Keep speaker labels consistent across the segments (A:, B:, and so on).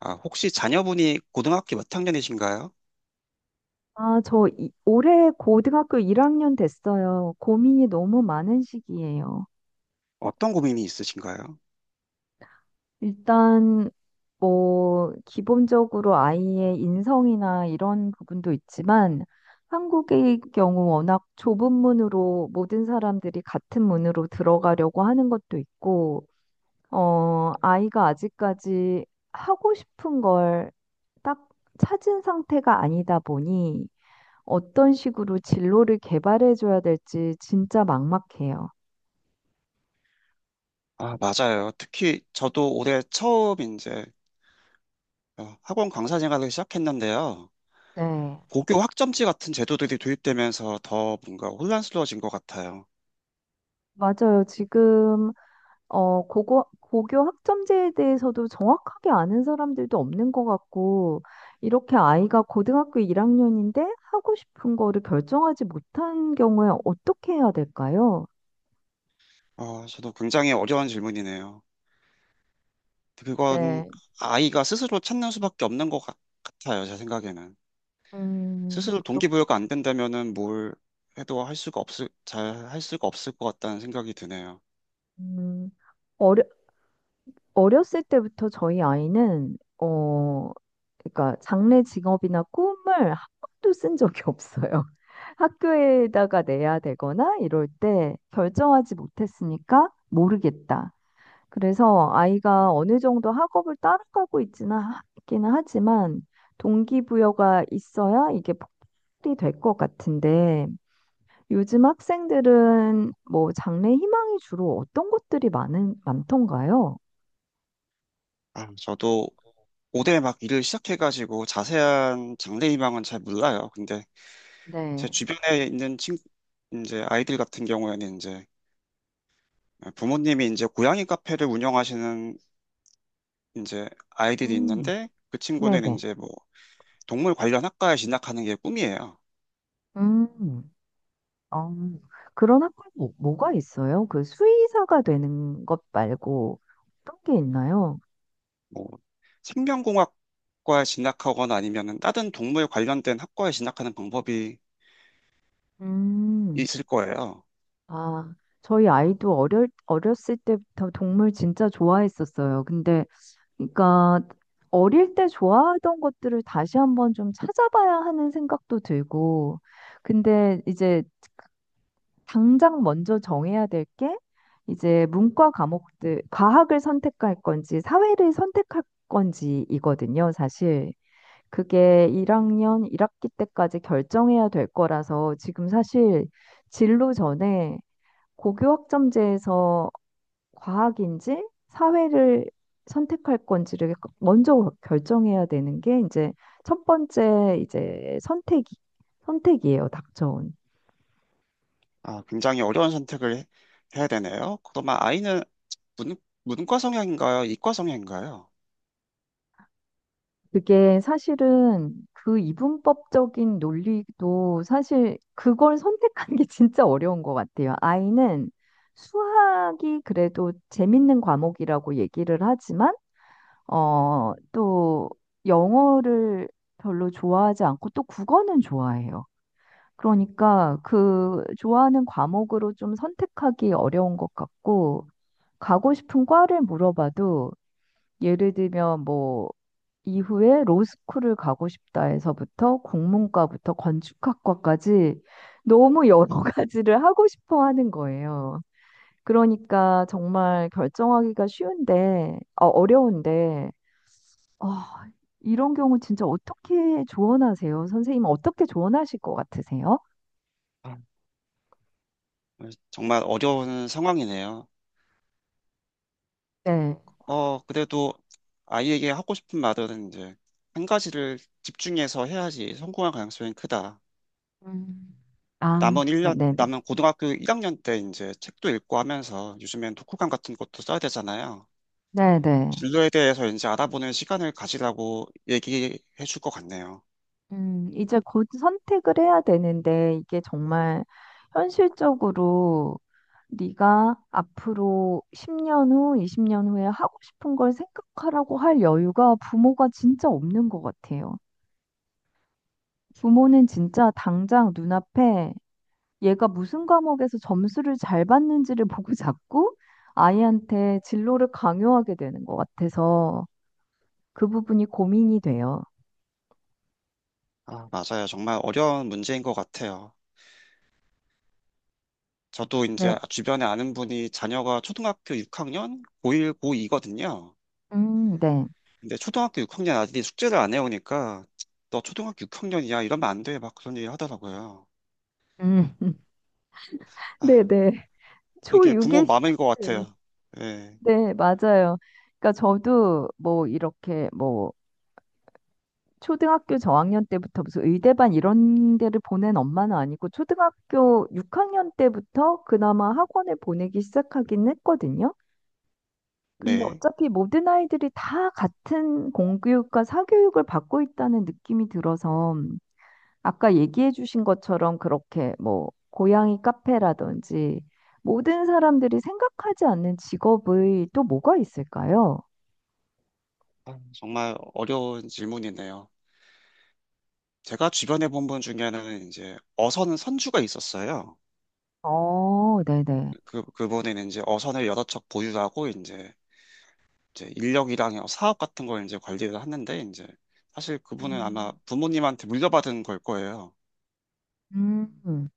A: 아, 혹시 자녀분이 고등학교 몇 학년이신가요?
B: 아, 올해 고등학교 1학년 됐어요. 고민이 너무 많은 시기예요.
A: 어떤 고민이 있으신가요?
B: 일단 뭐 기본적으로 아이의 인성이나 이런 부분도 있지만 한국의 경우 워낙 좁은 문으로 모든 사람들이 같은 문으로 들어가려고 하는 것도 있고, 아이가 아직까지 하고 싶은 걸 딱 찾은 상태가 아니다 보니 어떤 식으로 진로를 개발해 줘야 될지 진짜 막막해요.
A: 아, 맞아요. 특히 저도 올해 처음 이제 학원 강사 생활을 시작했는데요.
B: 네.
A: 고교 학점제 같은 제도들이 도입되면서 더 뭔가 혼란스러워진 것 같아요.
B: 맞아요. 지금 어 고고 고교 학점제에 대해서도 정확하게 아는 사람들도 없는 것 같고 이렇게 아이가 고등학교 1학년인데 하고 싶은 거를 결정하지 못한 경우에 어떻게 해야 될까요?
A: 아, 저도 굉장히 어려운 질문이네요. 그건
B: 네.
A: 아이가 스스로 찾는 수밖에 없는 것 같아요. 제 생각에는. 스스로
B: 그렇,
A: 동기부여가 안 된다면은 뭘 해도 할 수가 없을, 잘 할 수가 없을 것 같다는 생각이 드네요.
B: 음, 어 어렸을 때부터 저희 아이는 그러니까 장래 직업이나 꿈을 한 번도 쓴 적이 없어요. 학교에다가 내야 되거나 이럴 때 결정하지 못했으니까 모르겠다. 그래서 아이가 어느 정도 학업을 따라가고 있기는 하지만 동기부여가 있어야 이게 폭발이 될 것 같은데 요즘 학생들은 뭐 장래 희망이 주로 어떤 것들이 많은 많던가요?
A: 아, 저도 올대막 일을 시작해가지고 자세한 장래 희망은 잘 몰라요. 근데 제
B: 네.
A: 주변에 있는 이제 아이들 같은 경우에는 이제 부모님이 이제 고양이 카페를 운영하시는 이제 아이들이
B: 음,
A: 있는데 그 친구는
B: 네네.
A: 이제 뭐 동물 관련 학과에 진학하는 게 꿈이에요.
B: 음, 어, 그런 학교는 뭐가 있어요? 그 수의사가 되는 것 말고 어떤 게 있나요?
A: 뭐 생명공학과에 진학하거나 아니면은 다른 동물 관련된 학과에 진학하는 방법이
B: 음,
A: 있을 거예요.
B: 아, 저희 아이도 어렸을 때부터 동물 진짜 좋아했었어요. 근데, 그러니까, 어릴 때 좋아하던 것들을 다시 한번 좀 찾아봐야 하는 생각도 들고, 근데 이제 당장 먼저 정해야 될 게 이제 문과 과목들, 과학을 선택할 건지 사회를 선택할 건지이거든요, 사실. 그게 1학년 1학기 때까지 결정해야 될 거라서 지금 사실 진로 전에 고교 학점제에서 과학인지 사회를 선택할 건지를 먼저 결정해야 되는 게 이제 첫 번째 이제 선택이에요, 닥쳐온.
A: 아, 굉장히 어려운 선택을 해야 되네요. 그러면 아이는 문, 문과 성향인가요? 이과 성향인가요?
B: 그게 사실은 그 이분법적인 논리도 사실 그걸 선택하는 게 진짜 어려운 것 같아요. 아이는 수학이 그래도 재밌는 과목이라고 얘기를 하지만, 어, 또 영어를 별로 좋아하지 않고 또 국어는 좋아해요. 그러니까 그 좋아하는 과목으로 좀 선택하기 어려운 것 같고, 가고 싶은 과를 물어봐도 예를 들면 뭐 이후에 로스쿨을 가고 싶다 해서부터 국문과부터 건축학과까지 너무 여러 가지를 하고 싶어 하는 거예요. 그러니까 정말 어려운데, 어, 이런 경우 진짜 어떻게 조언하세요? 선생님은 어떻게 조언하실 것 같으세요?
A: 아, 정말 어려운 상황이네요.
B: 네.
A: 그래도 아이에게 하고 싶은 말은 이제 한 가지를 집중해서 해야지 성공할 가능성이 크다.
B: 음. 아,
A: 남은 일
B: 아,
A: 년
B: 네네.
A: 남은 고등학교 1학년 때 이제 책도 읽고 하면서 요즘엔 독후감 같은 것도 써야 되잖아요.
B: 네네.
A: 진로에 대해서 이제 알아보는 시간을 가지라고 얘기해 줄 것 같네요.
B: 이제 곧 선택을 해야 되는데 이게 정말 현실적으로 네가 앞으로 10년 후, 20년 후에 하고 싶은 걸 생각하라고 할 여유가 부모가 진짜 없는 것 같아요. 부모는 진짜 당장 눈앞에 얘가 무슨 과목에서 점수를 잘 받는지를 보고 자꾸 아이한테 진로를 강요하게 되는 것 같아서 그 부분이 고민이 돼요.
A: 아, 맞아요. 정말 어려운 문제인 것 같아요. 저도
B: 네.
A: 이제 주변에 아는 분이 자녀가 초등학교 6학년, 고1, 고2거든요.
B: 네.
A: 근데 초등학교 6학년 아들이 숙제를 안 해오니까 너 초등학교 6학년이야 이러면 안 돼 막 그런 얘기 하더라고요.
B: 음,
A: 아,
B: 네, 네.
A: 이게 부모
B: 초6에
A: 마음인 것
B: 시작돼요.
A: 같아요. 네,
B: 네, 맞아요. 그러니까 저도 뭐 이렇게 뭐 초등학교 저학년 때부터 무슨 의대반 이런 데를 보낸 엄마는 아니고 초등학교 6학년 때부터 그나마 학원을 보내기 시작하긴 했거든요. 근데
A: 네.
B: 어차피 모든 아이들이 다 같은 공교육과 사교육을 받고 있다는 느낌이 들어서 아까 얘기해 주신 것처럼 그렇게 뭐 고양이 카페라든지 모든 사람들이 생각하지 않는 직업의 또 뭐가 있을까요?
A: 아, 정말 어려운 질문이네요. 제가 주변에 본 분 중에는 이제 어선 선주가 있었어요.
B: 어, 네네.
A: 그분은 이제 어선을 여러 척 보유하고 이제 인력이랑 사업 같은 걸 이제 관리를 하는데 이제 사실 그분은 아마
B: 음,
A: 부모님한테 물려받은 걸 거예요.
B: 음,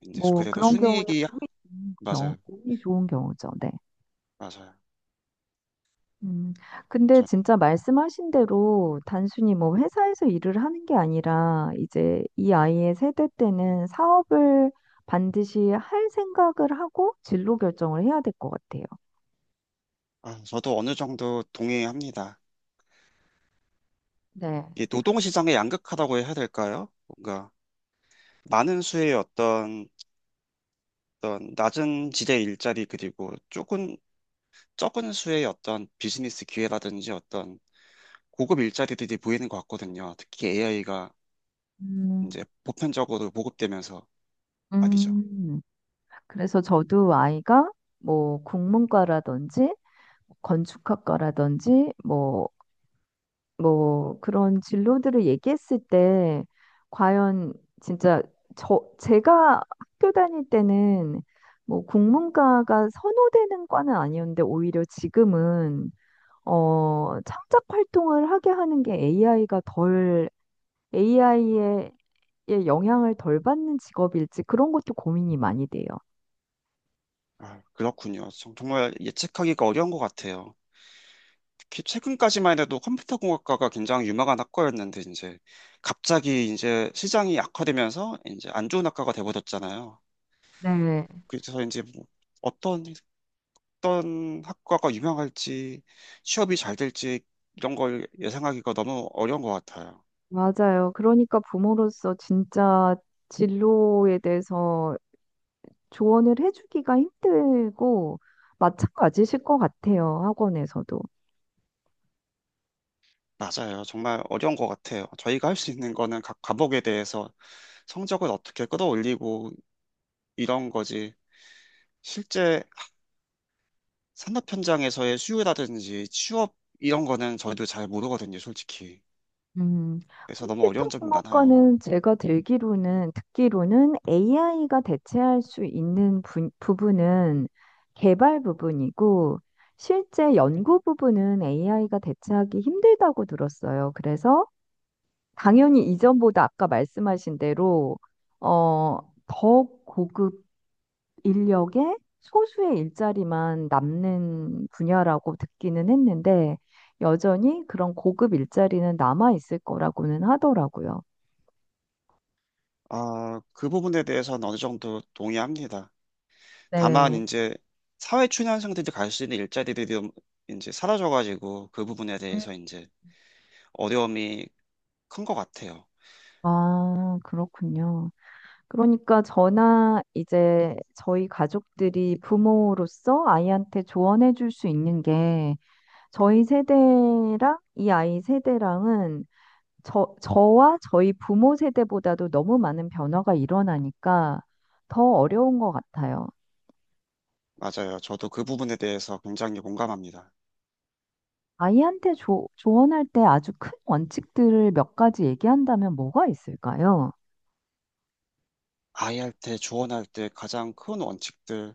A: 이제
B: 뭐
A: 그래도
B: 그런 경우는
A: 순이익이 맞아요,
B: 운이 좋은 경우죠. 네.
A: 맞아요.
B: 음, 근데 진짜 말씀하신 대로 단순히 뭐 회사에서 일을 하는 게 아니라 이제 이 아이의 세대 때는 사업을 반드시 할 생각을 하고 진로 결정을 해야 될 것 같아요.
A: 아, 저도 어느 정도 동의합니다.
B: 네.
A: 이 노동시장의 양극화라고 해야 될까요? 뭔가 많은 수의 어떤 낮은 지대 일자리 그리고 조금 적은 수의 어떤 비즈니스 기회라든지 어떤 고급 일자리들이 보이는 것 같거든요. 특히 AI가
B: 음,
A: 이제 보편적으로 보급되면서 말이죠.
B: 음. 그래서 저도 아이가 뭐 국문과라든지 뭐 뭐 그런 진로들을 얘기했을 때 과연 진짜 제가 학교 다닐 때는 뭐 국문과가 선호되는 과는 아니었는데 오히려 지금은 어, 창작 활동을 하게 하는 게 AI가 덜 AI의 영향을 덜 받는 직업일지 그런 것도 고민이 많이 돼요.
A: 아, 그렇군요. 정말 예측하기가 어려운 것 같아요. 최근까지만 해도 컴퓨터 공학과가 굉장히 유망한 학과였는데 이제 갑자기 이제 시장이 악화되면서 이제 안 좋은 학과가 돼버렸잖아요.
B: 네,
A: 그래서 이제 뭐 어떤 어떤 학과가 유명할지 취업이 잘 될지 이런 걸 예상하기가 너무 어려운 것 같아요.
B: 맞아요. 그러니까 부모로서 진짜 진로에 대해서 조언을 해주기가 힘들고, 마찬가지실 것 같아요. 학원에서도.
A: 맞아요. 정말 어려운 것 같아요. 저희가 할 수 있는 거는 각 과목에 대해서 성적을 어떻게 끌어올리고 이런 거지. 실제 산업 현장에서의 수요라든지 취업 이런 거는 저희도 잘 모르거든요, 솔직히.
B: 음,
A: 그래서 너무 어려운 점이 많아요.
B: 컴퓨터공학과는 듣기로는 AI가 대체할 수 있는 부분은 개발 부분이고, 실제 연구 부분은 AI가 대체하기 힘들다고 들었어요. 그래서 당연히 이전보다 아까 말씀하신 대로 어, 더 고급 인력의 소수의 일자리만 남는 분야라고 듣기는 했는데 여전히 그런 고급 일자리는 남아 있을 거라고는 하더라고요.
A: 아, 그 부분에 대해서는 어느 정도 동의합니다. 다만
B: 네.
A: 이제 사회 초년생들이 갈 수 있는 일자리들이 좀 이제 사라져가지고 그 부분에
B: 음.
A: 대해서 이제 어려움이 큰 것 같아요.
B: 아, 그렇군요. 그러니까 저나 이제 저희 가족들이 부모로서 아이한테 조언해 줄 수 있는 게 저희 세대랑 이 아이 세대랑은 저와 저희 부모 세대보다도 너무 많은 변화가 일어나니까 더 어려운 것 같아요.
A: 맞아요. 저도 그 부분에 대해서 굉장히 공감합니다.
B: 아이한테 조언할 때 아주 큰 원칙들을 몇 가지 얘기한다면 뭐가 있을까요?
A: 아이할 때, 조언할 때 가장 큰 원칙들.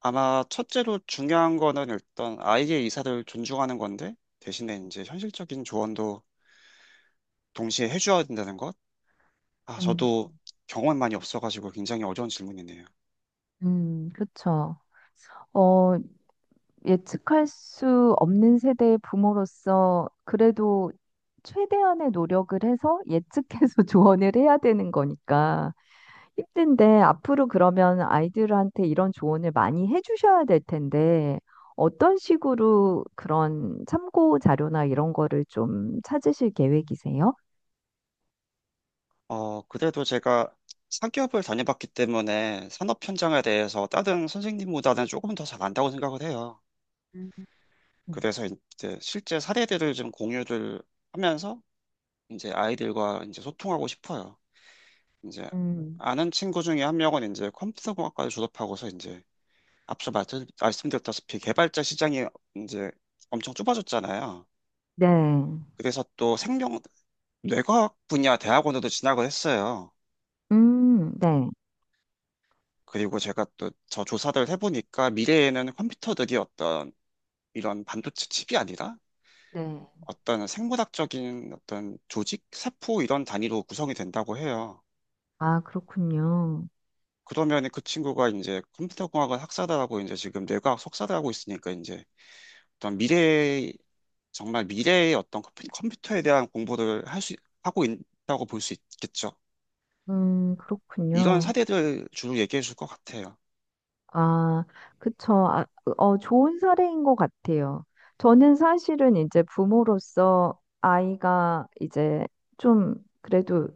A: 아마 첫째로 중요한 거는 일단 아이의 의사를 존중하는 건데 대신에 이제 현실적인 조언도 동시에 해줘야 된다는 것. 아,
B: 음,
A: 저도 경험이 많이 없어가지고 굉장히 어려운 질문이네요.
B: 그쵸. 어, 예측할 수 없는 세대의 부모로서 그래도 최대한의 노력을 해서 예측해서 조언을 해야 되는 거니까. 힘든데 앞으로 그러면 아이들한테 이런 조언을 많이 해주셔야 될 텐데 어떤 식으로 그런 참고 자료나 이런 거를 좀 찾으실 계획이세요?
A: 그래도 제가 상기업을 다녀봤기 때문에 산업 현장에 대해서 다른 선생님보다는 조금 더 잘 안다고 생각을 해요.
B: 음.
A: 그래서 이제 실제 사례들을 좀 공유를 하면서 이제 아이들과 이제 소통하고 싶어요. 이제
B: 음,
A: 아는 친구 중에 한 명은 이제 컴퓨터공학과를 졸업하고서 이제 앞서 말씀드렸다시피 개발자 시장이 이제 엄청 좁아졌잖아요.
B: 네.
A: 그래서 또 생명, 뇌과학 분야 대학원에도 진학을 했어요.
B: 네.
A: 그리고 제가 또 저 조사를 해보니까 미래에는 컴퓨터들이 어떤 이런 반도체 칩이 아니라
B: 네.
A: 어떤 생물학적인 어떤 조직, 세포 이런 단위로 구성이 된다고 해요.
B: 아, 그렇군요.
A: 그러면 그 친구가 이제 컴퓨터공학을 학사를 하고 이제 지금 뇌과학 석사를 하고 있으니까 이제 어떤 미래, 정말 미래의 어떤 컴퓨터에 대한 공부를 할 수, 하고 있다고 볼 수 있겠죠. 이런
B: 그렇군요.
A: 사례들 주로 얘기해 줄 것 같아요.
B: 아, 그쵸. 아, 그, 어, 좋은 사례인 것 같아요. 저는 사실은 이제 부모로서 아이가 이제 좀 그래도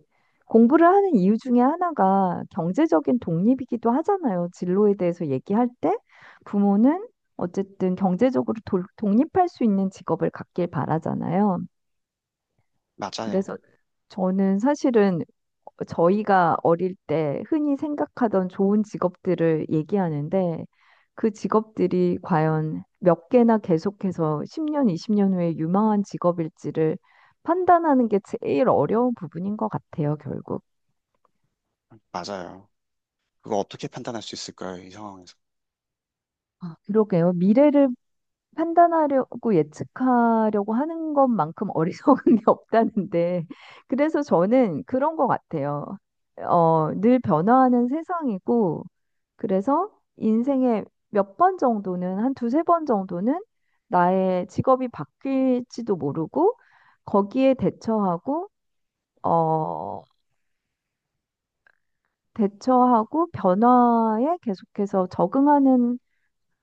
B: 공부를 하는 이유 중에 하나가 경제적인 독립이기도 하잖아요. 진로에 대해서 얘기할 때 부모는 어쨌든 경제적으로 독립할 수 있는 직업을 갖길 바라잖아요.
A: 맞아요.
B: 그래서 저는 사실은 저희가 어릴 때 흔히 생각하던 좋은 직업들을 얘기하는데 그 직업들이 과연 몇 개나 계속해서 10년, 20년 후에 유망한 직업일지를 판단하는 게 제일 어려운 부분인 것 같아요, 결국.
A: 맞아요. 그거 어떻게 판단할 수 있을까요? 이 상황에서.
B: 아, 그러게요. 미래를 판단하려고 예측하려고 하는 것만큼 어리석은 게 없다는데, 그래서 저는 그런 것 같아요. 어, 늘 변화하는 세상이고, 그래서 인생의 한 두세 번 정도는 나의 직업이 바뀔지도 모르고, 거기에 대처하고, 어, 대처하고 변화에 계속해서 적응하는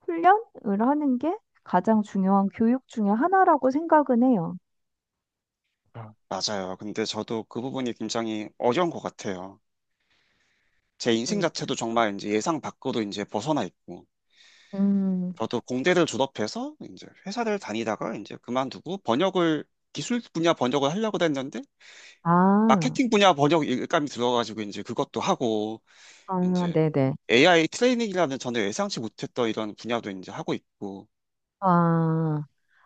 B: 훈련을 하는 게 가장 중요한 교육 중에 하나라고 생각은 해요.
A: 아, 맞아요. 근데 저도 그 부분이 굉장히 어려운 것 같아요. 제 인생 자체도
B: 그쵸.
A: 정말 이제 예상 밖으로 이제 벗어나 있고,
B: 음,
A: 저도 공대를 졸업해서 이제 회사를 다니다가 이제 그만두고 번역을, 기술 분야 번역을 하려고 했는데,
B: 아,
A: 마케팅 분야 번역 일감이 들어가지고 이제 그것도 하고,
B: 아,
A: 이제
B: 네네.
A: AI 트레이닝이라는 저는 예상치 못했던 이런 분야도 이제 하고 있고,
B: 아,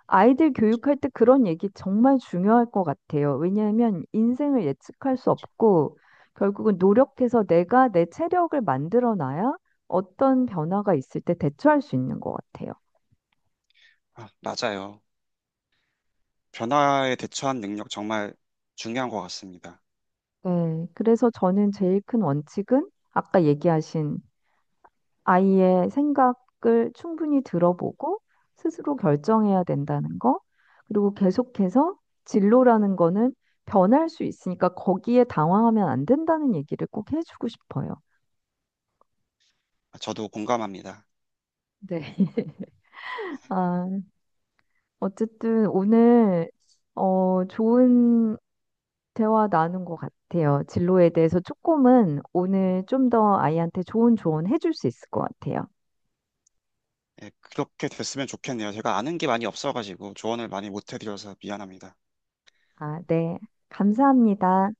B: 아이들 교육할 때 그런 얘기 정말 중요할 것 같아요. 왜냐하면 인생을 예측할 수 없고, 결국은 노력해서 내가 내 체력을 만들어 놔야 어떤 변화가 있을 때 대처할 수 있는 것 같아요.
A: 아, 맞아요. 변화에 대처한 능력 정말 중요한 것 같습니다.
B: 네. 그래서 저는 제일 큰 원칙은 아까 얘기하신 아이의 생각을 충분히 들어보고 스스로 결정해야 된다는 거. 그리고 계속해서 진로라는 거는 변할 수 있으니까 거기에 당황하면 안 된다는 얘기를 꼭 해주고 싶어요.
A: 아, 저도 공감합니다.
B: 네. 아, 어쨌든 오늘 어, 좋은 대화 나눈 것 같아요. 진로에 대해서 조금은 오늘 좀 더 아이한테 좋은 조언 해줄 수 있을 것 같아요.
A: 예, 그렇게 됐으면 좋겠네요. 제가 아는 게 많이 없어가지고 조언을 많이 못 해드려서 미안합니다.
B: 아, 네. 감사합니다.